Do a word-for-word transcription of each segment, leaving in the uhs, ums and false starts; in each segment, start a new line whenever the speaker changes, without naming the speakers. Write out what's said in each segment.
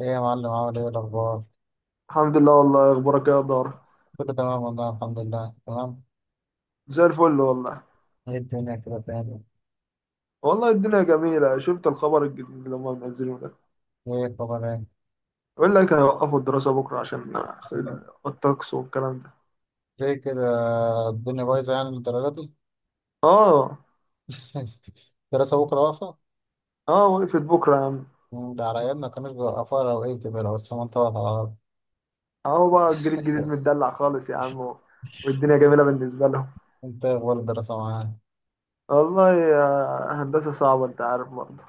ايه يا معلم، عامل ايه؟ إيه الاخبار؟
الحمد لله. والله اخبارك إيه يا دار؟
كله تمام والله، الحمد لله تمام.
زي الفل والله.
ايه الدنيا كده فين؟
والله الدنيا جميلة، شفت الخبر الجديد اللي هم منزلينه ده؟
ايه الخبر ايه؟
يقول لك هيوقفوا الدراسة بكرة عشان ال- الطقس والكلام ده.
ليه كده؟ الدنيا بايظه يعني للدرجه دي؟
اه
الدراسه بكره واقفه؟
اه وقفت بكرة يا عم.
مم، ده على ايامنا ما كانوش بيوقفوها، لو ايه كده، لو السما انطبقت على الارض.
اهو بقى الجيل الجديد متدلع خالص يا عم، و- والدنيا جميلة بالنسبة لهم.
انت إيه اخبار الدراسه معاك؟
والله يا هندسة صعبة، انت عارف برضه.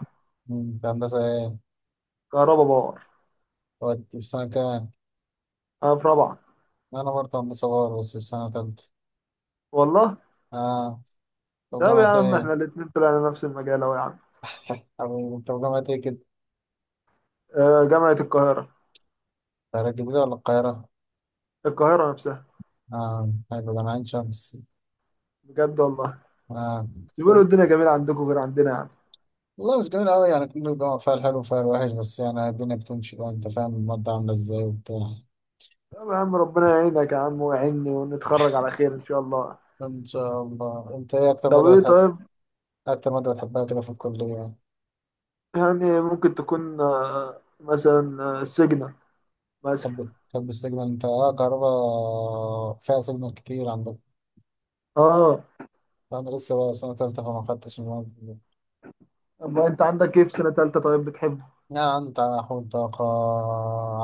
مم، انت هندسه ايه؟
كهربا باور.
ودي في سنه كام؟
انا في رابعة.
انا برضه هندسه بار بس في سنه تالته.
والله
اه. طب
طب يا
جامعه
عم
ايه؟
احنا الاتنين طلعنا نفس المجال اهو يا عم.
حبيبي، انت في جامعه ايه كده؟
آه، جامعة القاهرة.
القاهره الجديده ولا القاهره؟
القاهرة نفسها.
اه حلو، ده انا عين شمس.
بجد والله.
اه.
بيقولوا الدنيا جميلة عندكم غير عندنا يعني.
والله مش جميل أوي يعني، كل جامعة فيها الحلو وفيها الوحش، بس يعني الدنيا بتمشي بقى. أنت فاهم المادة عاملة إزاي وبتاع.
طب يا عم ربنا يعينك يا عم ويعيني ونتخرج على خير إن شاء الله.
إن شاء الله. أنت إيه أكتر
طب
مادة
إيه
بتحب؟
طيب.
أكتر مادة بتحبها كده في الكلية؟
يعني ممكن تكون آه، مثلا آه، سجنة مثلا.
تحب تحب السيجنال؟ أنت أه كهربا فيها سيجنال كتير عندك.
آه.
أنا لسه بقى في سنة تالتة فما خدتش المواد دي.
طب أنت عندك إيه في سنة تالتة طيب بتحبه؟
يعني عندي تحول طاقة،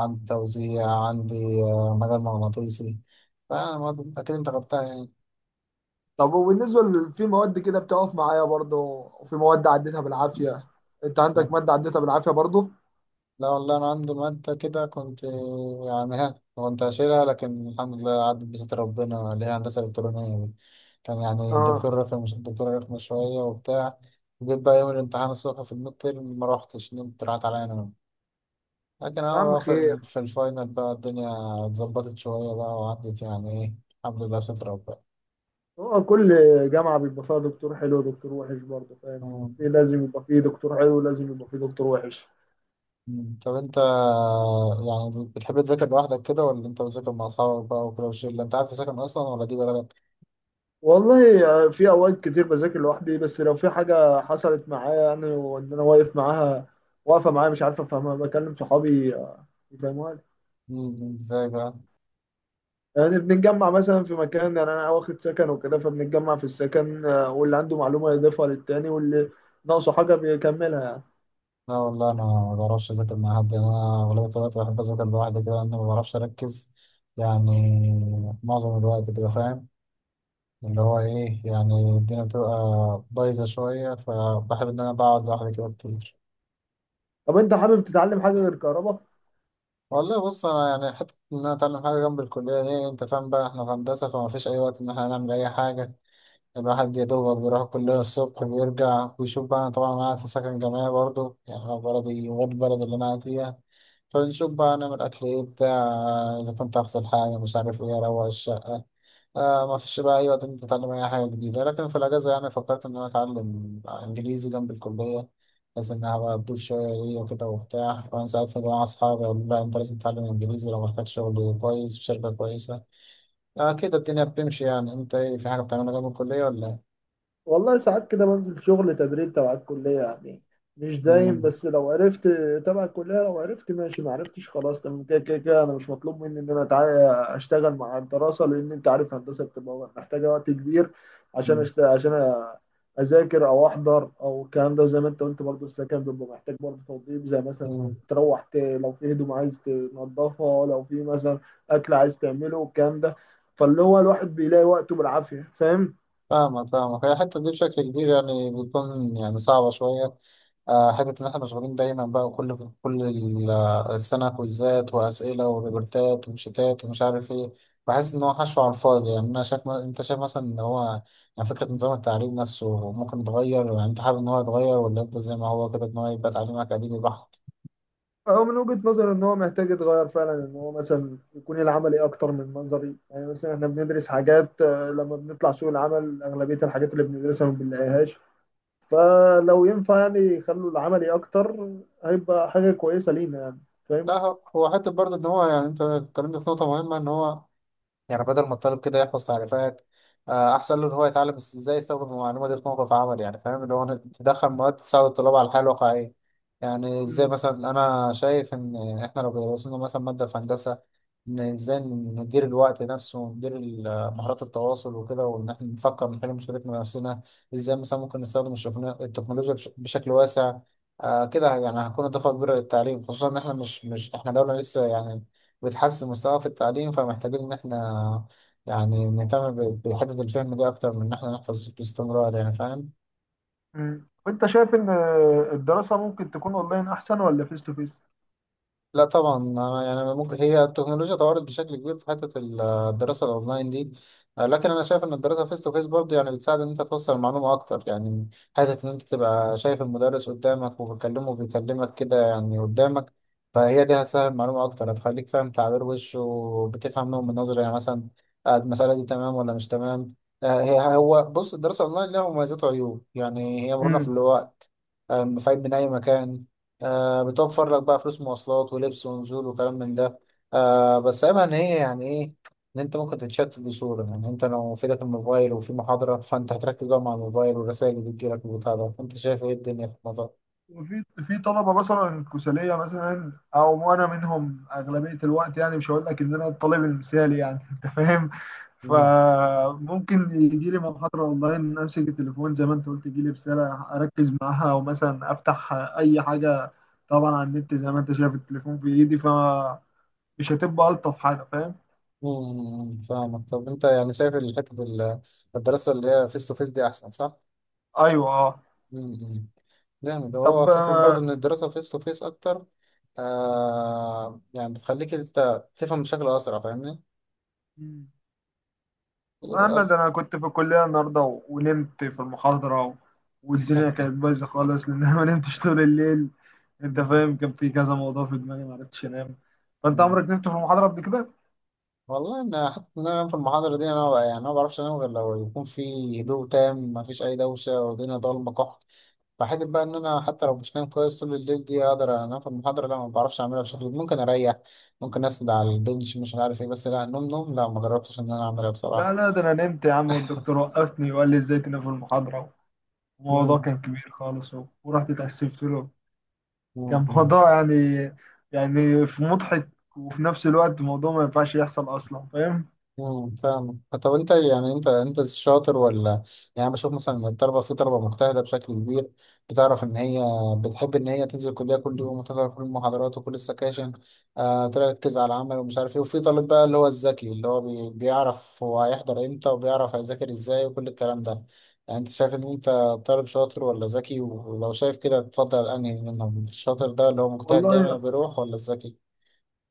عندي توزيع، عندي آه، مجال مغناطيسي. فأنا أكيد أنت خدتها يعني.
طب وبالنسبة ل- في مواد كده بتقف معايا برضه، وفي مواد عديتها بالعافية. أنت عندك مادة عديتها بالعافية برضه؟
لا والله أنا عندي مادة كده كنت، يعني ها كنت هشيلها، لكن الحمد لله عدت بستر ربنا، اللي هي هندسة إلكترونية دي. كان يعني
آه.
الدكتور رخم الدكتور رخم شوية وبتاع. جيت بقى يوم الامتحان الصبح في الميد تيرم ما روحتش، نمت، راحت عليا أنا. لكن
يا عم
أهو في ال-
خير.
في الفاينل بقى الدنيا اتظبطت شوية بقى وعدت يعني إيه، الحمد لله بستر ربنا.
هو كل جامعة بيبقى فيها دكتور حلو ودكتور وحش، برضه فاهم،
مم.
في لازم يبقى فيه دكتور حلو ولازم يبقى فيه دكتور وحش.
مم. طب أنت يعني بتحب تذاكر لوحدك كده ولا أنت بتذاكر مع أصحابك بقى وكده وشلة؟ أنت عارف تذاكر أصلا ولا دي بلدك؟
والله في اوقات كتير بذاكر لوحدي، بس لو في حاجه حصلت معايا يعني، وان انا واقف معاها، واقفه معايا مش عارف افهمها، بكلم صحابي آه، يفهموها لي.
مم. إزاي بقى؟
يعني بنتجمع مثلا في مكان، يعني انا واخد سكن وكده، فبنتجمع في السكن آه، واللي عنده معلومه يضيفها للتاني، واللي ناقصه حاجه بيكملها يعني.
لا والله انا ما بعرفش اذاكر مع حد، يعني انا اغلبيه الوقت بحب اذاكر لوحدي كده، لان ما بعرفش اركز يعني معظم الوقت كده، فاهم؟ اللي هو ايه، يعني الدنيا بتبقى بايظه شويه، فبحب ان انا بقعد لوحدي كده كتير.
طب انت حابب تتعلم حاجه غير كهرباء؟
والله بص، انا يعني حته ان انا اتعلم حاجه جنب الكليه دي، انت فاهم بقى احنا في هندسه، فما فيش اي وقت ان احنا نعمل اي حاجه. الواحد يا دوبك بيروح الكليه الصبح، بيرجع ويشوف بقى، انا طبعا انا قاعد في سكن جامعي برضه، يعني أنا بلدي غير البلد اللي انا قاعد فيها. فنشوف بقى نعمل أكل إيه، بتاع، إذا كنت أغسل حاجة، مش عارف إيه، أروق الشقة. آه، ما فيش بقى أي وقت إنت تتعلم أي حاجة جديدة. لكن في الأجازة، يعني فكرت إن أنا أتعلم إنجليزي جنب الكلية، بحيث إنها بقى تضيف شوية ليا وكده وبتاع. وأنا ساعات مع أصحابي أقول، لا أنت لازم تتعلم إنجليزي لو محتاج شغل كويس في شركة كويسة. آه كده الدنيا بتمشي يعني. إنت إيه، في حاجة بتعملها جنب الكلية ولا إيه؟
والله ساعات كده بنزل شغل تدريب تبع الكلية يعني، مش دايم،
مم.
بس لو عرفت تبع الكلية لو عرفت ماشي، ما عرفتش خلاص تمام، كده كده كده أنا مش مطلوب مني إن أنا أتع- أشتغل مع الدراسة، لأن أنت عارف هندسة بتبقى محتاجة وقت كبير عشان أشت... عشان أ- أذاكر أو أحضر أو الكلام ده. وزي ما أنت قلت برضه السكن بيبقى محتاج برضه توضيب، زي مثلا
مم.
تروح ت... لو في هدوم عايز تنضفها، لو في مثلا أكل عايز تعمله والكلام ده. فاللي هو الواحد بيلاقي وقته بالعافية، فاهم.
فاهمك فاهمك، هي الحتة دي بشكل كبير يعني بتكون يعني صعبة شوية. آه، حتة إن إحنا مشغولين دايما بقى كل كل ال- آه، السنة، كويزات وأسئلة وريبورتات وشتات ومش عارف إيه. بحس إن هو حشو على الفاضي يعني. أنا شايف، ما أنت شايف مثلا إن هو يعني فكرة نظام التعليم نفسه ممكن يتغير؟ يعني أنت حابب إن هو يتغير ولا يفضل زي ما هو كده، إن هو يبقى تعليم أكاديمي بحت؟
هو من وجهة نظري ان هو محتاج يتغير فعلا، ان هو مثلا يكون العملي اكتر من منظري. يعني مثلا احنا بندرس حاجات، آه، لما بنطلع سوق العمل اغلبية الحاجات اللي بندرسها ما بنلاقيهاش. فلو ينفع يعني يخلوا العملي اكتر، هيبقى حاجة كويسة لينا يعني،
لا
فاهم.
هو هو حتة برضه إن هو، يعني أنت اتكلمت في نقطة مهمة إن هو يعني بدل ما الطالب كده يحفظ تعريفات، آه، احسن له ان هو يتعلم إز- ازاي يستخدم المعلومه دي في موقف عمل يعني. فاهم اللي هو إنك تدخل مواد تساعد الطلاب على الحياه الواقعيه. يعني ازاي
مم.
مثلا، انا شايف ان احنا لو درسنا مثلا ماده في هندسه، ان ازاي ندير الوقت نفسه، وندير ال- مهارات التواصل وكده، وان احنا نفكر نحل مشكلتنا بنفسنا، ازاي مثلا ممكن نستخدم الشغل- التكنولوجيا بش- بشكل واسع. آه كده يعني هتكون اضافه كبيره للتعليم، خصوصا ان احنا مش مش احنا دوله لسه يعني بتحسن مستواه في التعليم، فمحتاجين إن إحنا يعني نهتم ب- بحتة الفهم دي أكتر من إن إحنا نحفظ باستمرار يعني، فاهم؟
مم. وانت شايف ان آه، الدراسة ممكن تكون اونلاين احسن، ولا فيس تو فيس؟
لا طبعا، انا يعني ممكن هي التكنولوجيا طورت بشكل كبير في حته ال- الدراسه الاونلاين دي، آه، لكن انا شايف ان الدراسه فيس تو فيس برضه يعني بتساعد ان انت توصل المعلومه اكتر يعني. حته ان انت تبقى شايف المدرس قدامك وبتكلمه وبيكلمك كده يعني قدامك، فهي دي هتسهل المعلومه اكتر، هتخليك فاهم تعبير وشه، وبتفهم نوع من نظره يعني مثلا آه، المساله دي تمام ولا مش تمام. آه، هي هو بص، الدراسه الاونلاين لها مميزات وعيوب يعني، هي مرونه في
مم.
الوقت، آه، فايد من اي مكان، آه بتوفر لك بقى فلوس مواصلات ولبس ونزول وكلام من ده. آه بس عيبها ان هي يعني ايه، ان انت ممكن تتشتت بصورة يعني، انت لو في ايدك الموبايل وفي محاضرة فانت هتركز بقى مع الموبايل والرسائل اللي بتجيلك والبتاع ده. انت شايف ايه الدنيا في الموضوع ده؟
وفي في طلبه مثلا كسليه، مثلا او انا منهم اغلبيه الوقت، يعني مش هقول لك ان انا الطالب المثالي يعني انت فاهم.
مم،
فممكن يجي لي محاضره اونلاين، امسك التليفون زي ما انت قلت، يجي لي رساله اركز معاها، او مثلا افتح اي حاجه، طبعا على النت، زي ما انت شايف التليفون في ايدي، فمش هتبقى الطف حاجه، فاهم.
مم، فاهمك. طب انت يعني شايف الحتة ال- الدراسة اللي هي فيس تو فيس دي احسن، صح؟
ايوه اه.
مم، مم. جامد. هو
طب
فكرة
آه،
برضه ان الدراسة فيس تو فيس اكتر آه يعني بتخليك انت تفهم بشكل اسرع، فاهمني؟ يبقى- أقل.
محمد انا كنت في الكليه النهارده و- ونمت في المحاضره، و- والدنيا كانت بايظه خالص لان انا ما نمتش طول الليل. انت فاهم، كان في كذا موضوع في دماغي ما عرفتش انام. فانت
مم.
عمرك نمت في المحاضره قبل كده؟
والله انا حتى ان انا انام في المحاضره دي، انا يعني انا ما بعرفش انام غير لو يكون في هدوء تام، ما فيش اي دوشه والدنيا ضلمه كحل. فحته بقى ان انا حتى لو مش نايم كويس طول الليل دي اقدر انام في المحاضره، لا ما بعرفش اعملها. بشكل ممكن اريح، ممكن اسند على البنش، مش عارف ايه، بس لا نوم نوم لا، ما جربتش ان انا اعملها بصراحه.
لا لا ده انا نمت يا عم، والدكتور وقفني وقال لي ازاي تنام في المحاضره. الموضوع
مم.
كان كبير خالص و- ورحت اتأسفت له. كان
مم.
موضوع يعني، يعني في مضحك وفي نفس الوقت موضوع ما ينفعش يحصل اصلا، فاهم.
امم فاهم. طب انت يعني انت انت شاطر ولا، يعني أنا بشوف مثلا ان الطلبه، في طلبه مجتهده بشكل كبير، بتعرف ان هي بتحب ان هي تنزل الكليه كل يوم وتحضر كل المحاضرات وكل السكاشن، آه تركز على العمل ومش عارف ايه. وفي طالب بقى اللي هو الذكي، اللي هو بي بيعرف هو هيحضر امتى وبيعرف هيذاكر ازاي وكل الكلام ده. يعني انت شايف ان انت طالب شاطر ولا ذكي؟ ولو شايف كده تفضل انهي منهم، الشاطر ده اللي هو مجتهد دايما
والله
بيروح ولا الذكي؟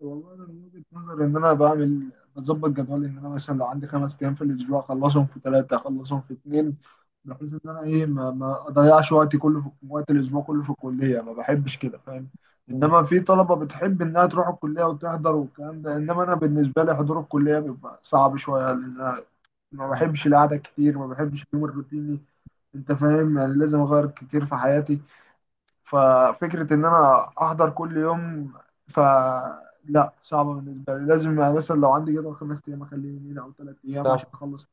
والله أنا من وجهة نظري إن أنا بعمل بظبط جدولي، إن أنا مثلا لو عندي خمس أيام في الأسبوع أخلصهم في ثلاثة، أخلصهم في اتنين، بحيث إن أنا إيه ما, ما أضيعش وقتي كله في وقت الأسبوع كله في الكلية، ما بحبش كده، فاهم.
مم.
إنما في طلبة بتحب إنها تروح الكلية وتحضر والكلام ده، إنما أنا بالنسبة لي حضور الكلية بيبقى صعب شوية، لأن أنا ما
مم.
بحبش القعدة كتير، ما بحبش اليوم الروتيني. أنت فاهم، يعني لازم أغير كتير في حياتي. ففكرة إن أنا أحضر كل يوم، فلا، صعبة بالنسبة لي. لازم يعني مثلا لو عندي جدول خمس أيام أخليه يومين أو ثلاث أيام
ده
عشان أخلص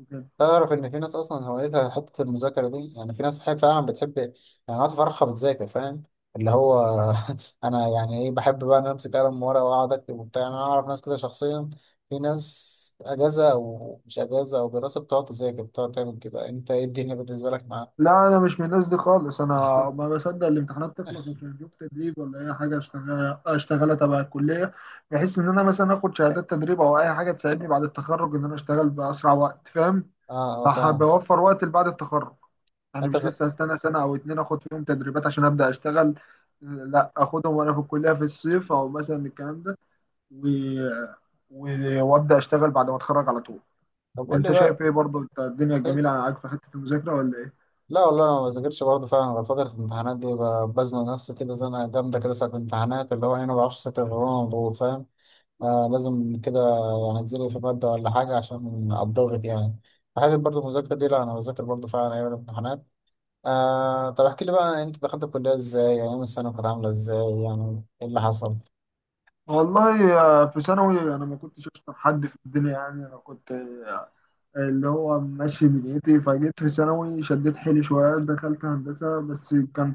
وكده.
تعرف ان في ناس اصلا هوايتها حته المذاكره دي؟ يعني في ناس حي- فعلا بتحب، يعني وقت فرحها بتذاكر، فاهم؟ اللي هو انا يعني ايه، بحب بقى ان أنا امسك قلم ورقه واقعد اكتب وبتاع. يعني انا اعرف ناس كده شخصيا، في ناس اجازه او مش اجازه او دراسه بتقعد تذاكر، بتقعد تعمل كده. انت ايه الدنيا بالنسبه لك معاه؟
لا أنا مش من الناس دي خالص. أنا ما بصدق الامتحانات تخلص عشان أشوف تدريب ولا أي حاجة أشتغلها، أشتغلها تبع الكلية، بحيث إن أنا مثلا آخد شهادات تدريب أو أي حاجة تساعدني بعد التخرج، إن أنا أشتغل بأسرع وقت، فاهم.
اه اه
ده
فاهم.
بيوفر وقت بعد التخرج، يعني
انت
مش
بت...
لسه هستنى سنة أو اتنين آخد فيهم تدريبات عشان أبدأ أشتغل. لا أخدهم وأنا في الكلية في الصيف أو مثلا الكلام ده، و... و... وأبدأ أشتغل بعد ما أتخرج على طول.
طب قول لي
أنت شايف
بقى.
إيه برضه أنت الدنيا
إيه؟
الجميلة معاك في حتة المذاكرة ولا إيه؟
لا والله انا ما بذاكرش برضه فعلا غير فتره الامتحانات دي، ب- بزنق نفسي كده زنقه جامده كده ساعه الامتحانات اللي هو إيه، انا ما بعرفش اذاكر غير وانا مضغوط، فاهم؟ آه لازم كده هنزله في مادة ولا حاجة عشان الضغط يعني. فحته برضه المذاكرة دي، لا أنا بذاكر برضه فعلا أيام الامتحانات. آه طب احكي لي بقى، أنت دخلت الكلية إزاي؟ يعني أيام السنة كانت عاملة إزاي؟ يعني إيه اللي حصل؟
والله آه، في ثانوي أنا ما كنتش أشطر حد في الدنيا يعني، أنا كنت اللي هو ماشي دنيتي، فجيت في ثانوي شديت حيلي شوية دخلت هندسة، بس كان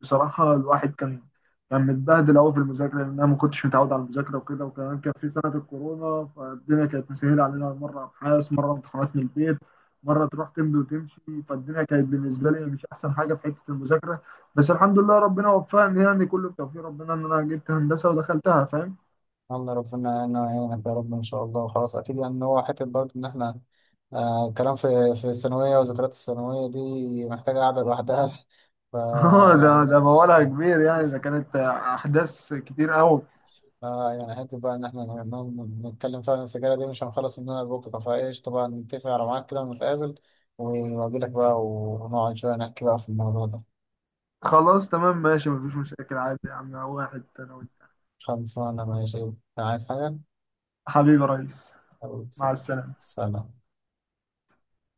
بصراحة الواحد كان، كان متبهدل أوي في المذاكرة، لأن أنا ما كنتش متعود على المذاكرة وكده. وكمان كان في سنة الكورونا، فالدنيا كانت مسهلة علينا، مرة أبحاث مرة امتحانات من البيت، مرة تروح تمضي وتمشي. فالدنيا كانت بالنسبة لي مش أحسن حاجة في حتة المذاكرة، بس الحمد لله ربنا وفقني يعني، كله بتوفيق ربنا إن أنا جبت هندسة ودخلتها، فاهم؟
الله ربنا، أنا يعينك يا رب إن شاء الله. خلاص أكيد يعني إن هو حتة برضه إن إحنا آه كلام في في الثانوية، وذكريات الثانوية دي محتاجة قعدة لوحدها. ف
اه ده
يعني
ده موالها كبير يعني، ده كانت أحداث كتير أوي.
آه، يعني حتى بقى إن إحنا ن- ن- نتكلم فعلا، السجارة دي مش هنخلص منها بكرة، فإيش طبعا نتفق على ميعاد كده ونتقابل، وأجيلك بقى ونقعد شوية نحكي بقى في الموضوع ده.
خلاص تمام ماشي مفيش مشاكل عادي يا عم، واحد انا وانت.
خلصانة ماشي. عايز حاجة؟
حبيبي يا ريس.
حبيبي،
مع
سلام.
السلامة.
سلام.